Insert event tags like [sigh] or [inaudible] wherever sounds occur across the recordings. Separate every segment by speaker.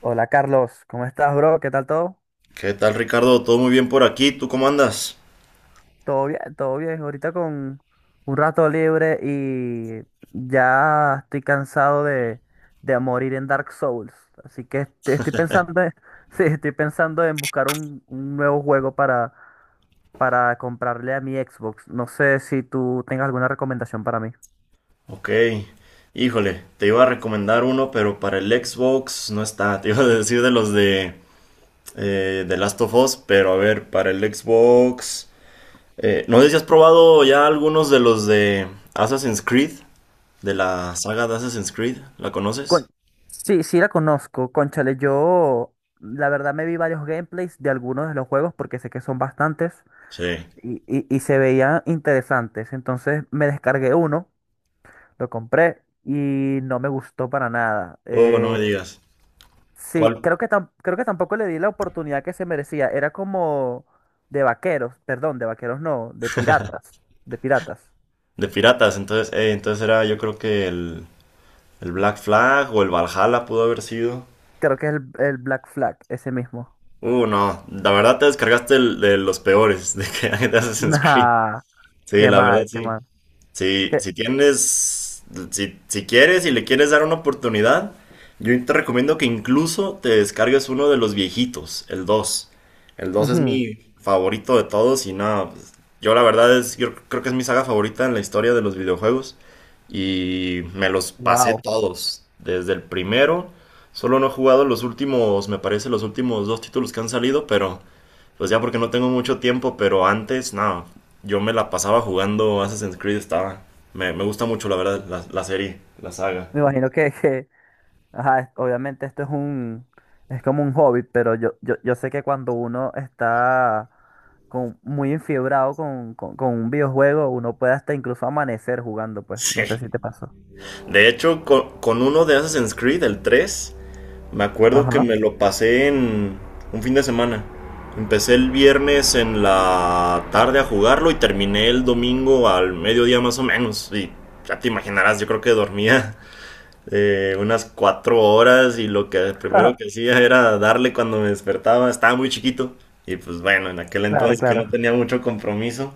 Speaker 1: Hola Carlos, ¿cómo estás, bro? ¿Qué tal todo?
Speaker 2: ¿Qué tal, Ricardo? ¿Todo muy bien por aquí? ¿Tú cómo andas?
Speaker 1: Todo bien, todo bien. Ahorita con un rato libre y ya estoy cansado de morir en Dark Souls. Así que estoy pensando, [laughs] sí, estoy pensando en buscar un nuevo juego para comprarle a mi Xbox. No sé si tú tengas alguna recomendación para mí.
Speaker 2: Ok. Híjole, te iba a recomendar uno, pero para el Xbox no está. [laughs] Te iba a decir de los de Last of Us, pero a ver, para el Xbox... no sé si has probado ya algunos de los de Assassin's Creed, de la saga de Assassin's Creed. ¿La
Speaker 1: Con-
Speaker 2: conoces?
Speaker 1: Sí, sí la conozco. Cónchale, yo la verdad me vi varios gameplays de algunos de los juegos porque sé que son bastantes.
Speaker 2: Sí.
Speaker 1: Y se veían interesantes. Entonces me descargué uno, lo compré y no me gustó para nada.
Speaker 2: Oh, no me digas.
Speaker 1: Sí,
Speaker 2: ¿Cuál?
Speaker 1: creo que, creo que tampoco le di la oportunidad que se merecía. Era como de vaqueros, perdón, de vaqueros no, de piratas, de piratas.
Speaker 2: De piratas, entonces era yo creo que el Black Flag o el Valhalla pudo haber sido.
Speaker 1: Creo que es el Black Flag, ese mismo. [laughs]
Speaker 2: No, la verdad te descargaste de los peores de que [laughs] hay de Assassin's Creed.
Speaker 1: Nah,
Speaker 2: Sí,
Speaker 1: qué
Speaker 2: la verdad
Speaker 1: mal, qué
Speaker 2: sí.
Speaker 1: mal.
Speaker 2: Si,
Speaker 1: Qué,
Speaker 2: si tienes, si quieres y le quieres dar una oportunidad, yo te recomiendo que incluso te descargues uno de los viejitos, el dos. El dos es
Speaker 1: ujú,
Speaker 2: mi favorito de todos y nada, pues, yo la verdad es, yo creo que es mi saga favorita en la historia de los videojuegos y me los pasé
Speaker 1: wow.
Speaker 2: todos, desde el primero, solo no he jugado los últimos, me parece los últimos dos títulos que han salido, pero... Pues ya porque no tengo mucho tiempo, pero antes, nada, yo me la pasaba jugando Assassin's Creed, estaba... Me gusta mucho, la verdad, la serie, la saga.
Speaker 1: Me imagino que, ajá, obviamente esto es es como un hobby, pero yo sé que cuando uno está con, muy enfiebrado con un videojuego, uno puede hasta incluso amanecer jugando, pues. No sé si
Speaker 2: Sí.
Speaker 1: te pasó.
Speaker 2: De hecho, con uno de Assassin's Creed, el 3 me acuerdo que
Speaker 1: Ajá.
Speaker 2: me lo pasé en un fin de semana. Empecé el viernes en la tarde a jugarlo y terminé el domingo al mediodía más o menos. Y ya te imaginarás, yo creo que dormía unas 4 horas y lo que
Speaker 1: [laughs]
Speaker 2: primero que hacía era darle cuando me despertaba, estaba muy chiquito y pues bueno, en aquel
Speaker 1: Claro,
Speaker 2: entonces que no
Speaker 1: claro.
Speaker 2: tenía mucho compromiso,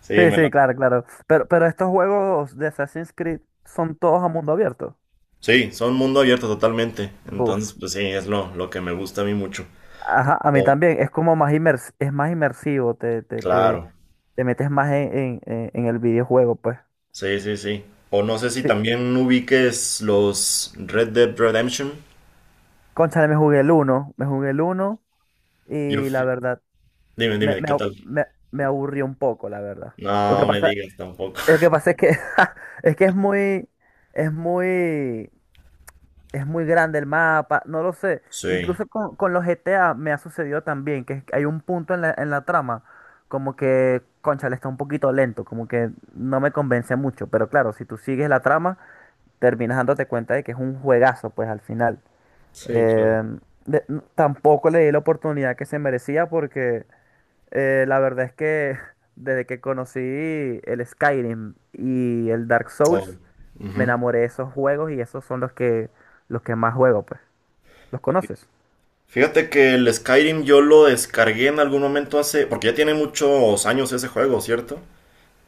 Speaker 2: sí,
Speaker 1: Sí,
Speaker 2: me la...
Speaker 1: sí, claro, claro. Pero estos juegos de Assassin's Creed son todos a mundo abierto.
Speaker 2: Sí, son mundo abierto totalmente, entonces
Speaker 1: Buf.
Speaker 2: pues sí, es lo que me gusta a mí mucho.
Speaker 1: Ajá, a mí
Speaker 2: O-
Speaker 1: también. Es como es más inmersivo, te,
Speaker 2: claro,
Speaker 1: te metes más en, en el videojuego, pues.
Speaker 2: sí, sí, sí. O no sé si
Speaker 1: Sí.
Speaker 2: también ubiques los Red Dead Redemption.
Speaker 1: Cónchale, me jugué el uno
Speaker 2: Yo
Speaker 1: y la
Speaker 2: fui-
Speaker 1: verdad,
Speaker 2: Dime, dime, ¿qué tal?
Speaker 1: me aburrió un poco, la verdad. Lo
Speaker 2: No
Speaker 1: que
Speaker 2: no me
Speaker 1: pasa,
Speaker 2: digas tampoco.
Speaker 1: lo que
Speaker 2: [laughs]
Speaker 1: pasa es que, [laughs] es que es muy, es muy grande el mapa, no lo sé.
Speaker 2: Sí,
Speaker 1: Incluso con los GTA me ha sucedido también, que es que hay un punto en en la trama, como que, cónchale, está un poquito lento, como que no me convence mucho. Pero claro, si tú sigues la trama, terminas dándote cuenta de que es un juegazo, pues al final.
Speaker 2: sí, claro.
Speaker 1: Eh, Tampoco le di la oportunidad que se merecía porque la verdad es que [laughs] desde que conocí el Skyrim y el Dark
Speaker 2: Oh,
Speaker 1: Souls,
Speaker 2: ujú.
Speaker 1: me enamoré de esos juegos y esos son los los que más juego, pues. ¿Los conoces?
Speaker 2: Fíjate que el Skyrim yo lo descargué en algún momento hace, porque ya tiene muchos años ese juego, ¿cierto?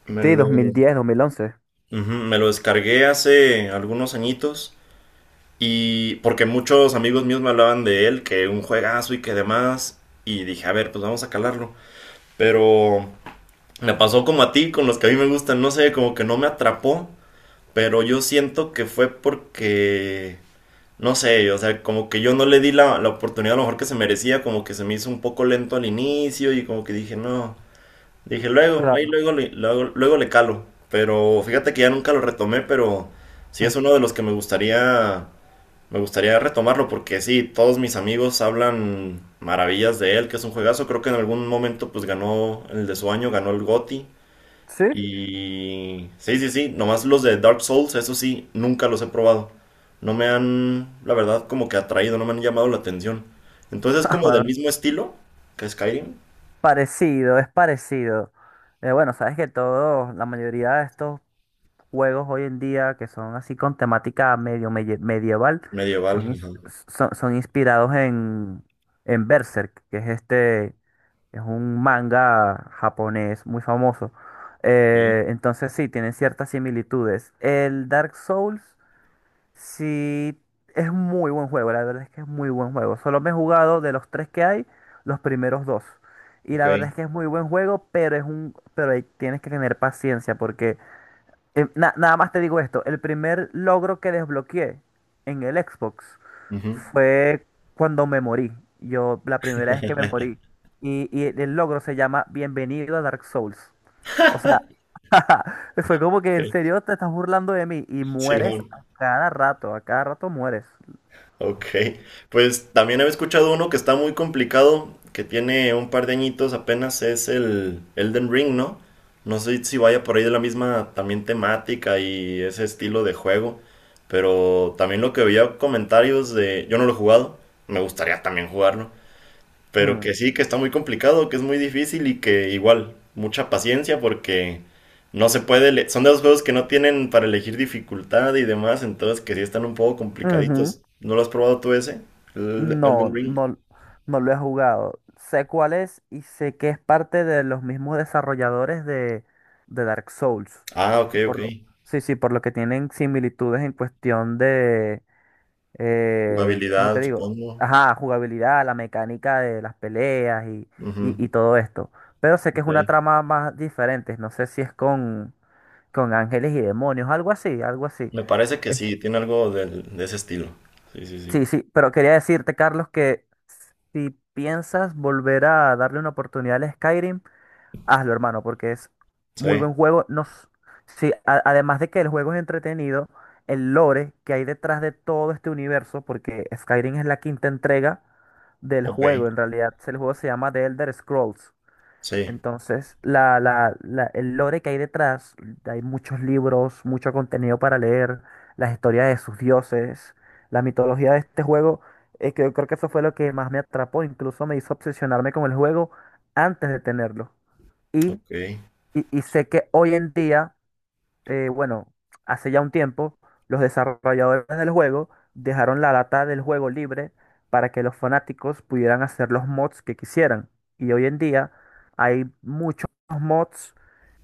Speaker 1: Sí,
Speaker 2: Ujú,
Speaker 1: 2010, 2011.
Speaker 2: me lo descargué hace algunos añitos y porque muchos amigos míos me hablaban de él, que un juegazo y que demás, y dije, a ver, pues vamos a calarlo. Pero me pasó como a ti, con los que a mí me gustan, no sé, como que no me atrapó, pero yo siento que fue porque... no sé, o sea, como que yo no le di la oportunidad a lo mejor que se merecía, como que se me hizo un poco lento al inicio y como que dije, no, dije luego, ahí
Speaker 1: Claro.
Speaker 2: luego, luego, luego le calo, pero fíjate que ya nunca lo retomé, pero sí
Speaker 1: Eh,
Speaker 2: es uno de los que me gustaría retomarlo porque sí, todos mis amigos hablan maravillas de él, que es un juegazo, creo que en algún momento pues ganó el de su año, ganó el GOTY,
Speaker 1: ¿Sí? [laughs]
Speaker 2: y sí, sí, sí, nomás los de Dark Souls, eso sí, nunca los he probado. No me han, la verdad, como que atraído, no me han llamado la atención. Entonces es
Speaker 1: Ah,
Speaker 2: como
Speaker 1: bueno,
Speaker 2: del mismo estilo que Skyrim,
Speaker 1: parecido, es parecido. Bueno, sabes que todos, la mayoría de estos juegos hoy en día que son así con temática medieval
Speaker 2: medieval.
Speaker 1: son,
Speaker 2: Ajá.
Speaker 1: son inspirados en Berserk, que es este, es un manga japonés muy famoso.
Speaker 2: Ok.
Speaker 1: Entonces sí, tienen ciertas similitudes. El Dark Souls sí es un muy buen juego, la verdad es que es muy buen juego. Solo me he jugado de los tres que hay, los primeros dos. Y
Speaker 2: Ok.
Speaker 1: la verdad es que es muy buen juego, pero pero ahí tienes que tener paciencia porque nada más te digo esto, el primer logro que desbloqueé en el Xbox
Speaker 2: Ujú.
Speaker 1: fue cuando me morí. Yo, la primera vez que me morí. Y el logro se llama Bienvenido a Dark Souls. O sea, [laughs] fue como que en
Speaker 2: Ok.
Speaker 1: serio te estás burlando de mí y mueres
Speaker 2: Simón.
Speaker 1: a cada rato mueres.
Speaker 2: Ok, pues también había escuchado uno que está muy complicado, que tiene un par de añitos apenas, es el Elden Ring, ¿no? No sé si vaya por ahí de la misma también temática y ese estilo de juego, pero también lo que veía comentarios de, yo no lo he jugado, me gustaría también jugarlo, pero
Speaker 1: Mm.
Speaker 2: que sí, que está muy complicado, que es muy difícil y que igual, mucha paciencia porque no se puede, son de los juegos que no tienen para elegir dificultad y demás, entonces que sí están un poco
Speaker 1: Ujú.
Speaker 2: complicaditos. ¿No lo has probado tú ese? El Elden
Speaker 1: No,
Speaker 2: Ring.
Speaker 1: no, no lo he jugado. Sé cuál es y sé que es parte de los mismos desarrolladores de Dark Souls.
Speaker 2: Ah, ok,
Speaker 1: que
Speaker 2: ok.
Speaker 1: Por lo, sí, sí, por lo que tienen similitudes en cuestión de, ¿cómo te
Speaker 2: Jugabilidad,
Speaker 1: digo?
Speaker 2: supongo.
Speaker 1: Ajá, jugabilidad, la mecánica de las peleas
Speaker 2: Ujú,
Speaker 1: y todo esto. Pero sé que es
Speaker 2: ok.
Speaker 1: una trama más diferente. No sé si es con ángeles y demonios, algo así, algo así.
Speaker 2: Me parece que
Speaker 1: Es-
Speaker 2: sí, tiene algo de ese estilo. Sí, sí, sí.
Speaker 1: Sí, sí, pero quería decirte, Carlos, que si piensas volver a darle una oportunidad al Skyrim, hazlo, hermano, porque es
Speaker 2: Sí,
Speaker 1: muy buen juego. No, s- Sí, además de que el juego es entretenido, el lore que hay detrás de todo este universo, porque Skyrim es la quinta entrega del
Speaker 2: ok.
Speaker 1: juego, en realidad el juego se llama The Elder Scrolls.
Speaker 2: Sí,
Speaker 1: Entonces, el lore que hay detrás, hay muchos libros, mucho contenido para leer, las historias de sus dioses, la mitología de este juego, que yo creo que eso fue lo que más me atrapó, incluso me hizo obsesionarme con el juego antes de tenerlo. Y,
Speaker 2: ok,
Speaker 1: y sé que hoy en día, bueno, hace ya un tiempo, los desarrolladores del juego dejaron la data del juego libre para que los fanáticos pudieran hacer los mods que quisieran. Y hoy en día hay muchos mods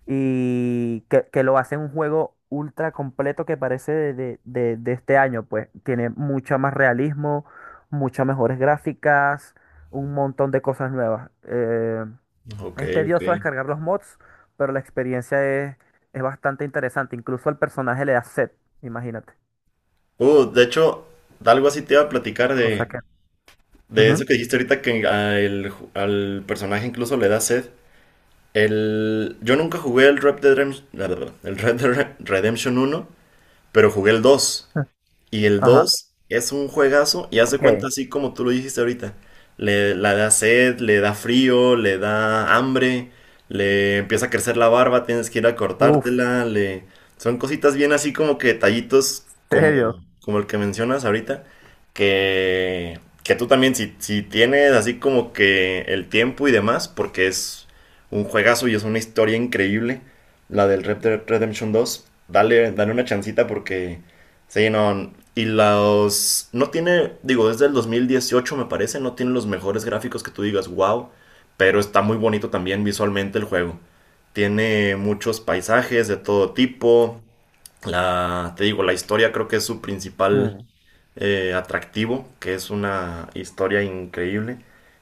Speaker 1: y que lo hacen un juego ultra completo que parece de este año, pues tiene mucho más realismo, muchas mejores gráficas, un montón de cosas nuevas.
Speaker 2: ok,
Speaker 1: Es
Speaker 2: ok.
Speaker 1: tedioso descargar los mods, pero la experiencia es bastante interesante. Incluso al personaje le da sed, imagínate.
Speaker 2: De hecho, de algo así te iba a platicar
Speaker 1: Cosa
Speaker 2: de...
Speaker 1: que.
Speaker 2: De eso
Speaker 1: Ujú.
Speaker 2: que dijiste ahorita que al personaje incluso le da sed. Yo nunca jugué el Red Dead Redemption, el Red Dead Redemption 1, pero jugué el 2.
Speaker 1: [laughs]
Speaker 2: Y el
Speaker 1: Ajá.
Speaker 2: 2 es un juegazo y hace cuenta
Speaker 1: Ok.
Speaker 2: así como tú lo dijiste ahorita. La da sed, le da frío, le da hambre, le empieza a crecer la barba, tienes que ir a
Speaker 1: Uf,
Speaker 2: cortártela, le... Son cositas bien así como que detallitos
Speaker 1: [laughs]
Speaker 2: como,
Speaker 1: serio.
Speaker 2: como el que mencionas ahorita, que tú también si tienes así como que el tiempo y demás, porque es un juegazo y es una historia increíble, la del Red Dead Redemption dos dale, dale una chancita porque... Sí, no. Y los... No tiene, digo, desde el 2018 me parece, no tiene los mejores gráficos que tú digas, wow, pero está muy bonito también visualmente el juego. Tiene muchos paisajes de todo tipo, te digo, la historia creo que es su principal
Speaker 1: Mm,
Speaker 2: atractivo, que es una historia increíble.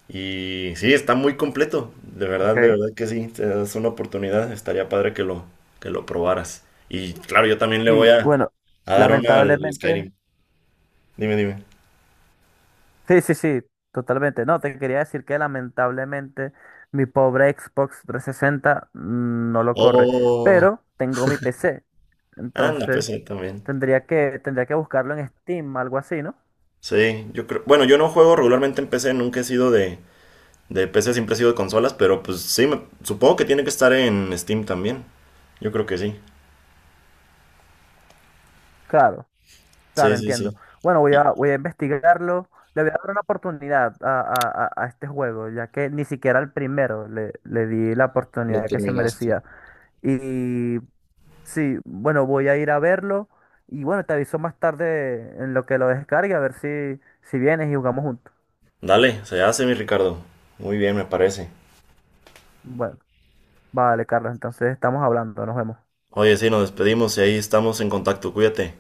Speaker 2: Y sí, está muy completo.
Speaker 1: ok.
Speaker 2: De verdad que sí. Te das una oportunidad. Estaría padre que lo probaras. Y claro, yo también le voy
Speaker 1: Sí,
Speaker 2: a,
Speaker 1: bueno,
Speaker 2: a dar una al
Speaker 1: lamentablemente.
Speaker 2: Skyrim. Dime, dime.
Speaker 1: Sí, sí, sí, totalmente. No, te quería decir que lamentablemente mi pobre Xbox 360 no lo corre.
Speaker 2: Oh,
Speaker 1: Pero tengo mi PC.
Speaker 2: anda,
Speaker 1: Entonces
Speaker 2: PC también.
Speaker 1: tendría que buscarlo en Steam, algo así, ¿no?
Speaker 2: Sí, yo creo. Bueno, yo no juego regularmente en PC, nunca he sido de, De PC siempre ha sido de consolas, pero pues sí, supongo que tiene que estar en Steam también. Yo creo que sí.
Speaker 1: Claro.
Speaker 2: Sí,
Speaker 1: Claro,
Speaker 2: sí,
Speaker 1: entiendo.
Speaker 2: sí.
Speaker 1: Bueno, voy a,
Speaker 2: Y
Speaker 1: voy a investigarlo. Le voy a dar una oportunidad a, a este juego, ya que ni siquiera al primero le, le di la
Speaker 2: lo
Speaker 1: oportunidad que se
Speaker 2: terminaste.
Speaker 1: merecía. Y sí, bueno, voy a ir a verlo. Y bueno, te aviso más tarde en lo que lo descargue, a ver si, si vienes y jugamos juntos.
Speaker 2: Dale, se hace mi Ricardo. Muy bien, me parece.
Speaker 1: Bueno, vale, Carlos, entonces estamos hablando, nos vemos.
Speaker 2: Oye, sí, nos despedimos y ahí estamos en contacto. Cuídate.